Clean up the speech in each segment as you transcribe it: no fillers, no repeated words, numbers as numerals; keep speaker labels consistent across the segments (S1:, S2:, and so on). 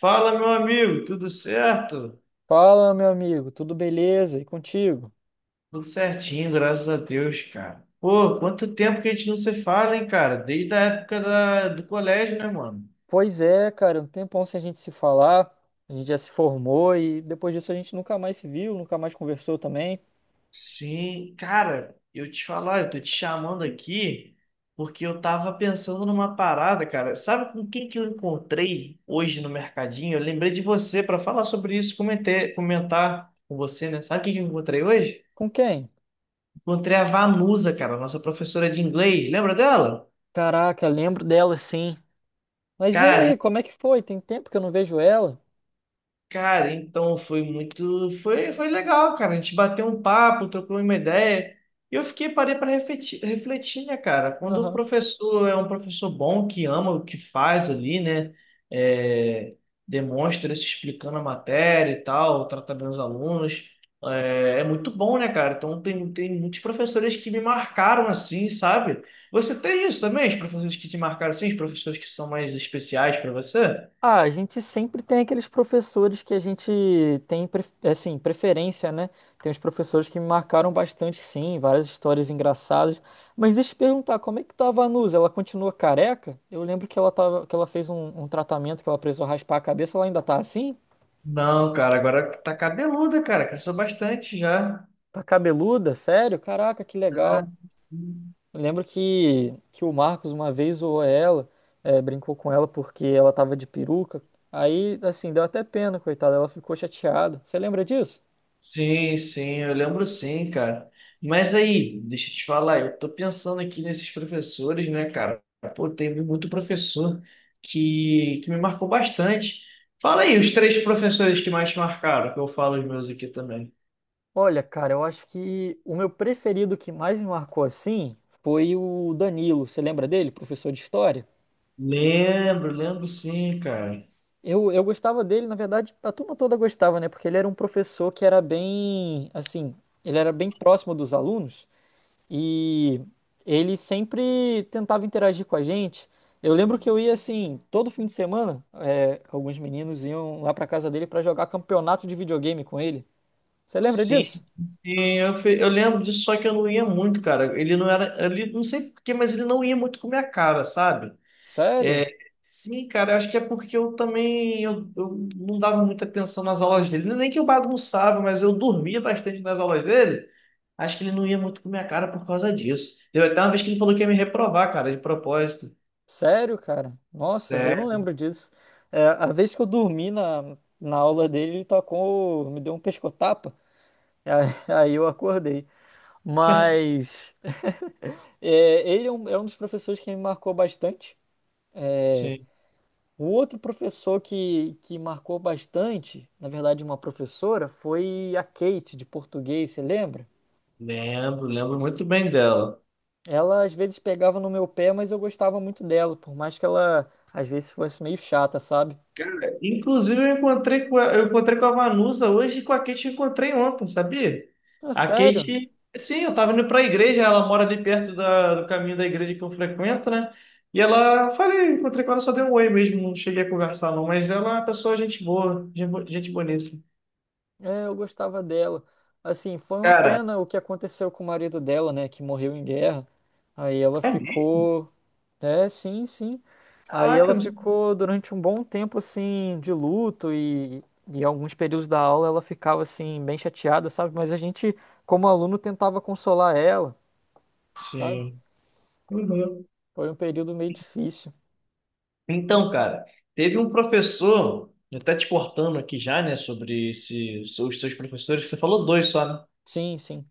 S1: Fala, meu amigo, tudo certo?
S2: Fala, meu amigo, tudo beleza? E contigo?
S1: Tudo certinho, graças a Deus, cara. Pô, quanto tempo que a gente não se fala, hein, cara? Desde a época do colégio, né, mano?
S2: Pois é, cara, um tempão sem a gente se falar, a gente já se formou e depois disso a gente nunca mais se viu, nunca mais conversou também.
S1: Sim, cara, eu te falar, eu tô te chamando aqui porque eu tava pensando numa parada, cara. Sabe com quem que eu encontrei hoje no mercadinho? Eu lembrei de você pra falar sobre isso, comentar com você, né? Sabe quem que eu encontrei hoje?
S2: Com quem?
S1: Encontrei a Vanusa, cara, nossa professora de inglês. Lembra dela?
S2: Caraca, lembro dela sim. Mas e
S1: Cara,
S2: aí, como é que foi? Tem tempo que eu não vejo ela?
S1: Cara, então foi muito, foi legal, cara. A gente bateu um papo, trocou uma ideia. E eu fiquei, parei para refletir, né, cara? Quando o professor é um professor bom, que ama o que faz ali, né? É, demonstra se explicando a matéria e tal, trata bem os alunos. É, é muito bom, né, cara? Então tem muitos professores que me marcaram assim, sabe? Você tem isso também? Os professores que te marcaram assim, os professores que são mais especiais para você?
S2: Ah, a gente sempre tem aqueles professores que a gente tem, assim, preferência, né? Tem uns professores que me marcaram bastante, sim, várias histórias engraçadas. Mas deixa eu te perguntar, como é que tava a Vanusa? Ela continua careca? Eu lembro que ela tava, que ela fez um tratamento que ela precisou raspar a cabeça, ela ainda tá assim?
S1: Não, cara, agora tá cabeluda, cara. Cresceu bastante já.
S2: Tá cabeluda? Sério? Caraca, que legal.
S1: Ah, sim,
S2: Eu lembro que o Marcos uma vez zoou ela, brincou com ela porque ela tava de peruca. Aí, assim, deu até pena, coitada, ela ficou chateada. Você lembra disso?
S1: sim, sim, eu lembro sim, cara. Mas aí, deixa eu te falar, eu tô pensando aqui nesses professores, né, cara? Pô, teve muito professor que me marcou bastante. Fala aí, os três professores que mais te marcaram, que eu falo os meus aqui também.
S2: Olha, cara, eu acho que o meu preferido que mais me marcou assim foi o Danilo. Você lembra dele, professor de história?
S1: Lembro, lembro sim, cara.
S2: Eu gostava dele, na verdade, a turma toda gostava, né? Porque ele era um professor que era bem, assim, ele era bem próximo dos alunos e ele sempre tentava interagir com a gente. Eu lembro que eu ia, assim, todo fim de semana, é, alguns meninos iam lá pra casa dele pra jogar campeonato de videogame com ele. Você lembra
S1: Sim,
S2: disso?
S1: Sim, eu lembro disso, só que eu não ia muito, cara. Ele não era, ele não sei por quê, mas ele não ia muito com a minha cara, sabe? É,
S2: Sério?
S1: sim, cara, eu acho que é porque eu também eu não dava muita atenção nas aulas dele. Nem que eu bagunçava, mas eu dormia bastante nas aulas dele. Acho que ele não ia muito com a minha cara por causa disso. Deu até uma vez que ele falou que ia me reprovar, cara, de propósito.
S2: Sério, cara? Nossa, eu não
S1: É,
S2: lembro disso. É, a vez que eu dormi na aula dele, ele tacou, me deu um pescotapa, aí, aí eu acordei. Mas é, ele é um dos professores que me marcou bastante.
S1: sim.
S2: O outro professor que marcou bastante, na verdade, uma professora, foi a Kate, de português, você lembra?
S1: Lembro, lembro muito bem dela.
S2: Ela às vezes pegava no meu pé, mas eu gostava muito dela, por mais que ela às vezes fosse meio chata, sabe?
S1: Cara, inclusive eu encontrei com a Vanusa hoje e com a Kate eu encontrei ontem, sabia?
S2: É
S1: A
S2: sério.
S1: Kate, sim, eu tava indo pra igreja, ela mora ali perto do caminho da igreja que eu frequento, né? E ela, falei, encontrei com ela, só dei um oi mesmo, não cheguei a conversar não, mas ela é uma pessoa gente boa, gente bonita.
S2: É, eu gostava dela. Assim, foi uma
S1: Cara,
S2: pena o que aconteceu com o marido dela, né, que morreu em guerra. Aí ela
S1: é mesmo?
S2: ficou, é, sim, sim. Aí
S1: Caraca,
S2: ela
S1: eu não sei.
S2: ficou durante um bom tempo assim de luto e alguns períodos da aula ela ficava assim bem chateada, sabe? Mas a gente, como aluno, tentava consolar ela, sabe?
S1: Sim. Uhum.
S2: Foi um período meio difícil.
S1: Então, cara, teve um professor, até te cortando aqui já, né, sobre esse, os seus professores, você falou dois só, né?
S2: Sim, sim.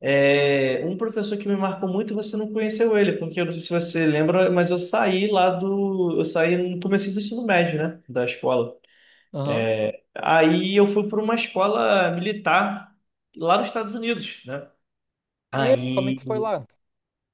S1: É, um professor que me marcou muito, você não conheceu ele, porque eu não sei se você lembra, mas eu saí lá do. Eu saí no começo do ensino médio, né? Da escola.
S2: Aham.
S1: Aí eu fui para uma escola militar lá nos Estados Unidos, né?
S2: E aí, como é que
S1: Aí,
S2: foi lá?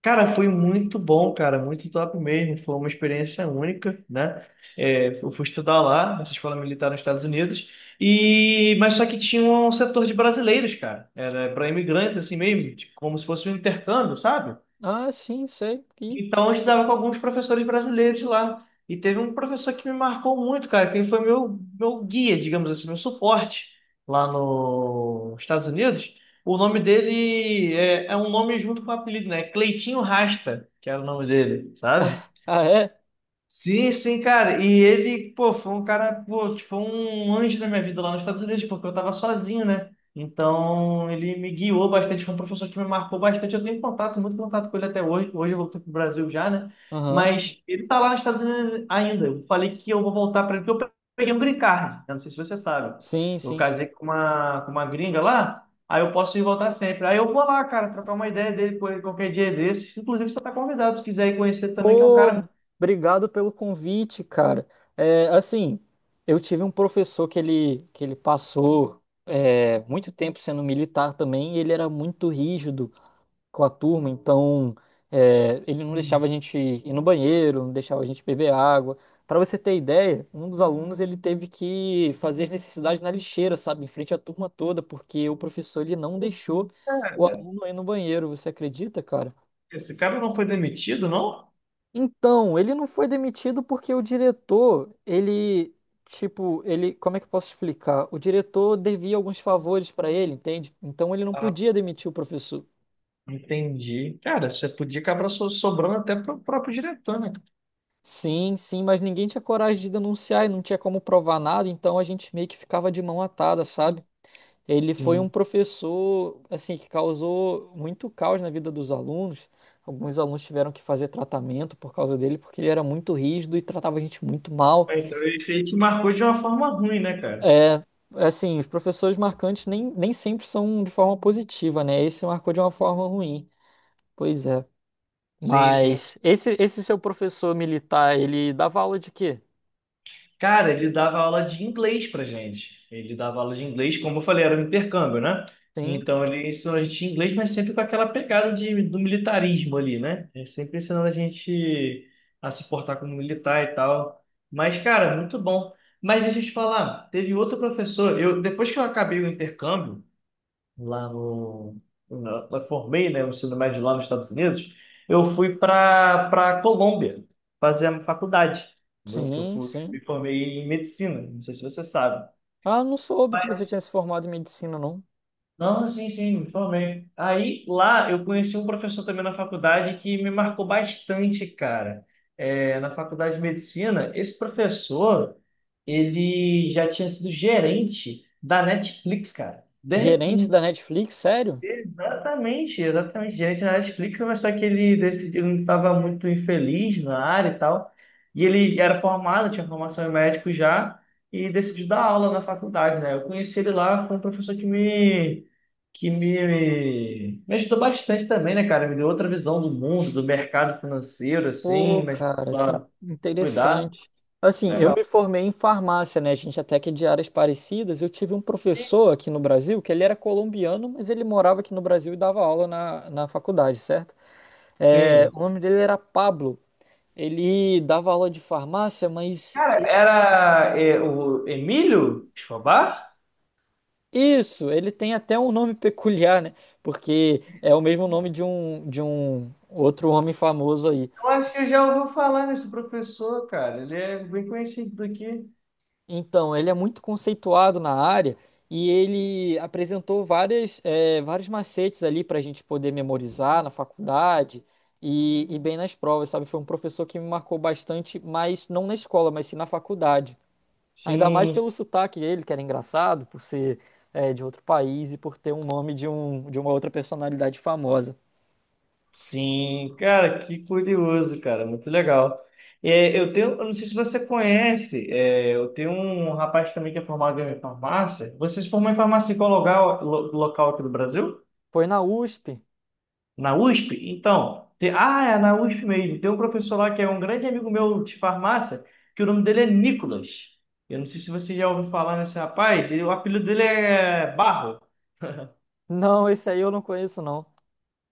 S1: cara, foi muito bom, cara, muito top mesmo. Foi uma experiência única, né? É, eu fui estudar lá, nessa escola militar nos Estados Unidos, e mas só que tinha um setor de brasileiros, cara. Era para imigrantes, assim mesmo, tipo, como se fosse um intercâmbio, sabe?
S2: Ah, sim, sei. Ih.
S1: Então, eu estudava com alguns professores brasileiros lá. E teve um professor que me marcou muito, cara, que ele foi meu guia, digamos assim, meu suporte lá nos Estados Unidos. O nome dele é um nome junto com o apelido, né? Cleitinho Rasta, que era o nome dele, sabe?
S2: Ah, é?
S1: Sim, sim, cara. E ele, pô, foi um cara, pô, tipo, um anjo na minha vida lá nos Estados Unidos, porque eu tava sozinho, né? Então, ele me guiou bastante, foi um professor que me marcou bastante. Eu tenho contato, muito contato com ele até hoje. Hoje eu voltei pro Brasil já, né?
S2: Aham.
S1: Mas ele tá lá nos Estados Unidos ainda. Eu falei que eu vou voltar para ele, porque eu peguei um green card. Eu não sei se você sabe.
S2: Sim,
S1: Eu
S2: sim.
S1: casei com uma gringa lá, aí eu posso ir voltar sempre. Aí eu vou lá, cara, trocar uma ideia dele com ele qualquer dia desses. Inclusive, você tá convidado, se quiser ir conhecer também, que é um cara.
S2: Pô, obrigado pelo convite, cara. É, assim, eu tive um professor que ele passou é, muito tempo sendo militar também, e ele era muito rígido com a turma, então é, ele não deixava a gente ir no banheiro, não deixava a gente beber água. Para você ter ideia, um dos alunos ele teve que fazer as necessidades na lixeira, sabe, em frente à turma toda, porque o professor ele não deixou o
S1: Cara,
S2: aluno ir no banheiro. Você acredita, cara?
S1: esse cara não foi demitido, não?
S2: Então, ele não foi demitido porque o diretor, ele, tipo, ele, como é que eu posso explicar? O diretor devia alguns favores para ele, entende? Então ele não
S1: Ah,
S2: podia demitir o professor.
S1: entendi. Cara, você podia acabar sobrando até pro próprio diretor, né? Cara?
S2: Sim, sim, mas ninguém tinha coragem de denunciar e não tinha como provar nada, então a gente meio que ficava de mão atada, sabe? Ele foi um
S1: Sim.
S2: professor, assim, que causou muito caos na vida dos alunos. Alguns alunos tiveram que fazer tratamento por causa dele, porque ele era muito rígido e tratava a gente muito mal.
S1: Ah, então, isso aí te marcou de uma forma ruim, né, cara?
S2: É, assim, os professores marcantes nem, nem sempre são de forma positiva, né? Esse marcou de uma forma ruim. Pois é.
S1: Sim, sim.
S2: Mas esse seu professor militar, ele dava aula de quê?
S1: Cara, ele dava aula de inglês pra gente. Ele dava aula de inglês, como eu falei, era um intercâmbio, né?
S2: Sim,
S1: Então ele ensinou a gente inglês, mas sempre com aquela pegada de, do militarismo ali, né? Ele sempre ensinando a gente a se portar como militar e tal. Mas, cara, muito bom. Mas deixa eu te falar, teve outro professor, eu, depois que eu acabei o intercâmbio, lá no, na- eu formei, né, o ensino médio lá nos Estados Unidos, eu fui para Colômbia fazer a faculdade, entendeu? Que eu
S2: sim,
S1: fui,
S2: sim.
S1: me formei em medicina, não sei se você sabe.
S2: Ah, não soube que você
S1: Mas,
S2: tinha se formado em medicina, não.
S1: não, sim, sim, me formei. Aí lá eu conheci um professor também na faculdade que me marcou bastante, cara. É, na faculdade de medicina, esse professor, ele já tinha sido gerente da Netflix, cara. De,
S2: Gerente da Netflix, sério?
S1: exatamente, exatamente. Diante da Netflix, mas só que ele decidiu, ele estava muito infeliz na área e tal. E ele era formado, tinha formação em médico já, e decidiu dar aula na faculdade, né? Eu conheci ele lá, foi um professor me ajudou bastante também, né, cara? Me deu outra visão do mundo, do mercado financeiro,
S2: Pô,
S1: assim, mas
S2: cara, que
S1: pra cuidar.
S2: interessante. Assim, eu me
S1: Legal.
S2: formei em farmácia, né? A gente até que é de áreas parecidas. Eu tive um professor aqui no Brasil, que ele era colombiano, mas ele morava aqui no Brasil e dava aula na faculdade, certo? É,
S1: Sim.
S2: o nome dele era Pablo. Ele dava aula de farmácia, mas
S1: Cara, era eh, o Emílio Escobar?
S2: isso, ele tem até um nome peculiar, né? Porque é o mesmo nome de um outro homem famoso aí.
S1: Eu acho que eu já ouvi falar desse professor, cara. Ele é bem conhecido daqui.
S2: Então, ele é muito conceituado na área e ele apresentou várias, vários macetes ali para a gente poder memorizar na faculdade e bem nas provas, sabe? Foi um professor que me marcou bastante, mas não na escola, mas sim na faculdade. Ainda mais
S1: Sim,
S2: pelo sotaque dele, que era engraçado, por ser, de outro país e por ter um nome de, um, de uma outra personalidade famosa.
S1: sim. Cara, que curioso, cara. Muito legal. É, eu tenho, eu não sei se você conhece, é, eu tenho um rapaz também que é formado em farmácia. Você se formou em farmácia em qual local, local aqui do Brasil?
S2: Foi na USP?
S1: Na USP? Então, tem- ah, é na USP mesmo. Tem um professor lá que é um grande amigo meu de farmácia, que o nome dele é Nicolas. Eu não sei se você já ouviu falar nesse rapaz, ele- o apelido dele é Barro.
S2: Não, esse aí eu não conheço, não.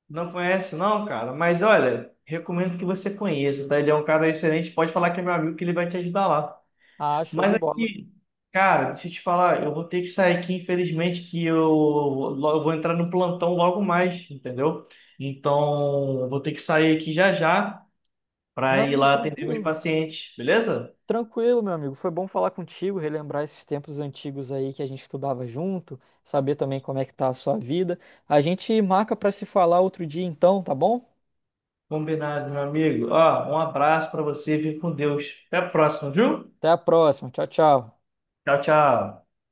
S1: Não conhece, não, cara? Mas olha, recomendo que você conheça, tá? Ele é um cara excelente. Pode falar que é meu amigo, que ele vai te ajudar lá.
S2: Ah, show de
S1: Mas
S2: bola.
S1: aqui, cara, deixa eu te falar, eu vou ter que sair aqui, infelizmente, que eu, eu vou entrar no plantão logo mais, entendeu? Então, eu vou ter que sair aqui já já para ir
S2: Não,
S1: lá atender meus
S2: tranquilo.
S1: pacientes, beleza?
S2: Tranquilo, meu amigo. Foi bom falar contigo, relembrar esses tempos antigos aí que a gente estudava junto, saber também como é que tá a sua vida. A gente marca para se falar outro dia então, tá bom?
S1: Combinado, meu amigo. Ó, um abraço para você, fique com Deus. Até a próxima, viu?
S2: Até a próxima. Tchau, tchau.
S1: Tchau, tchau.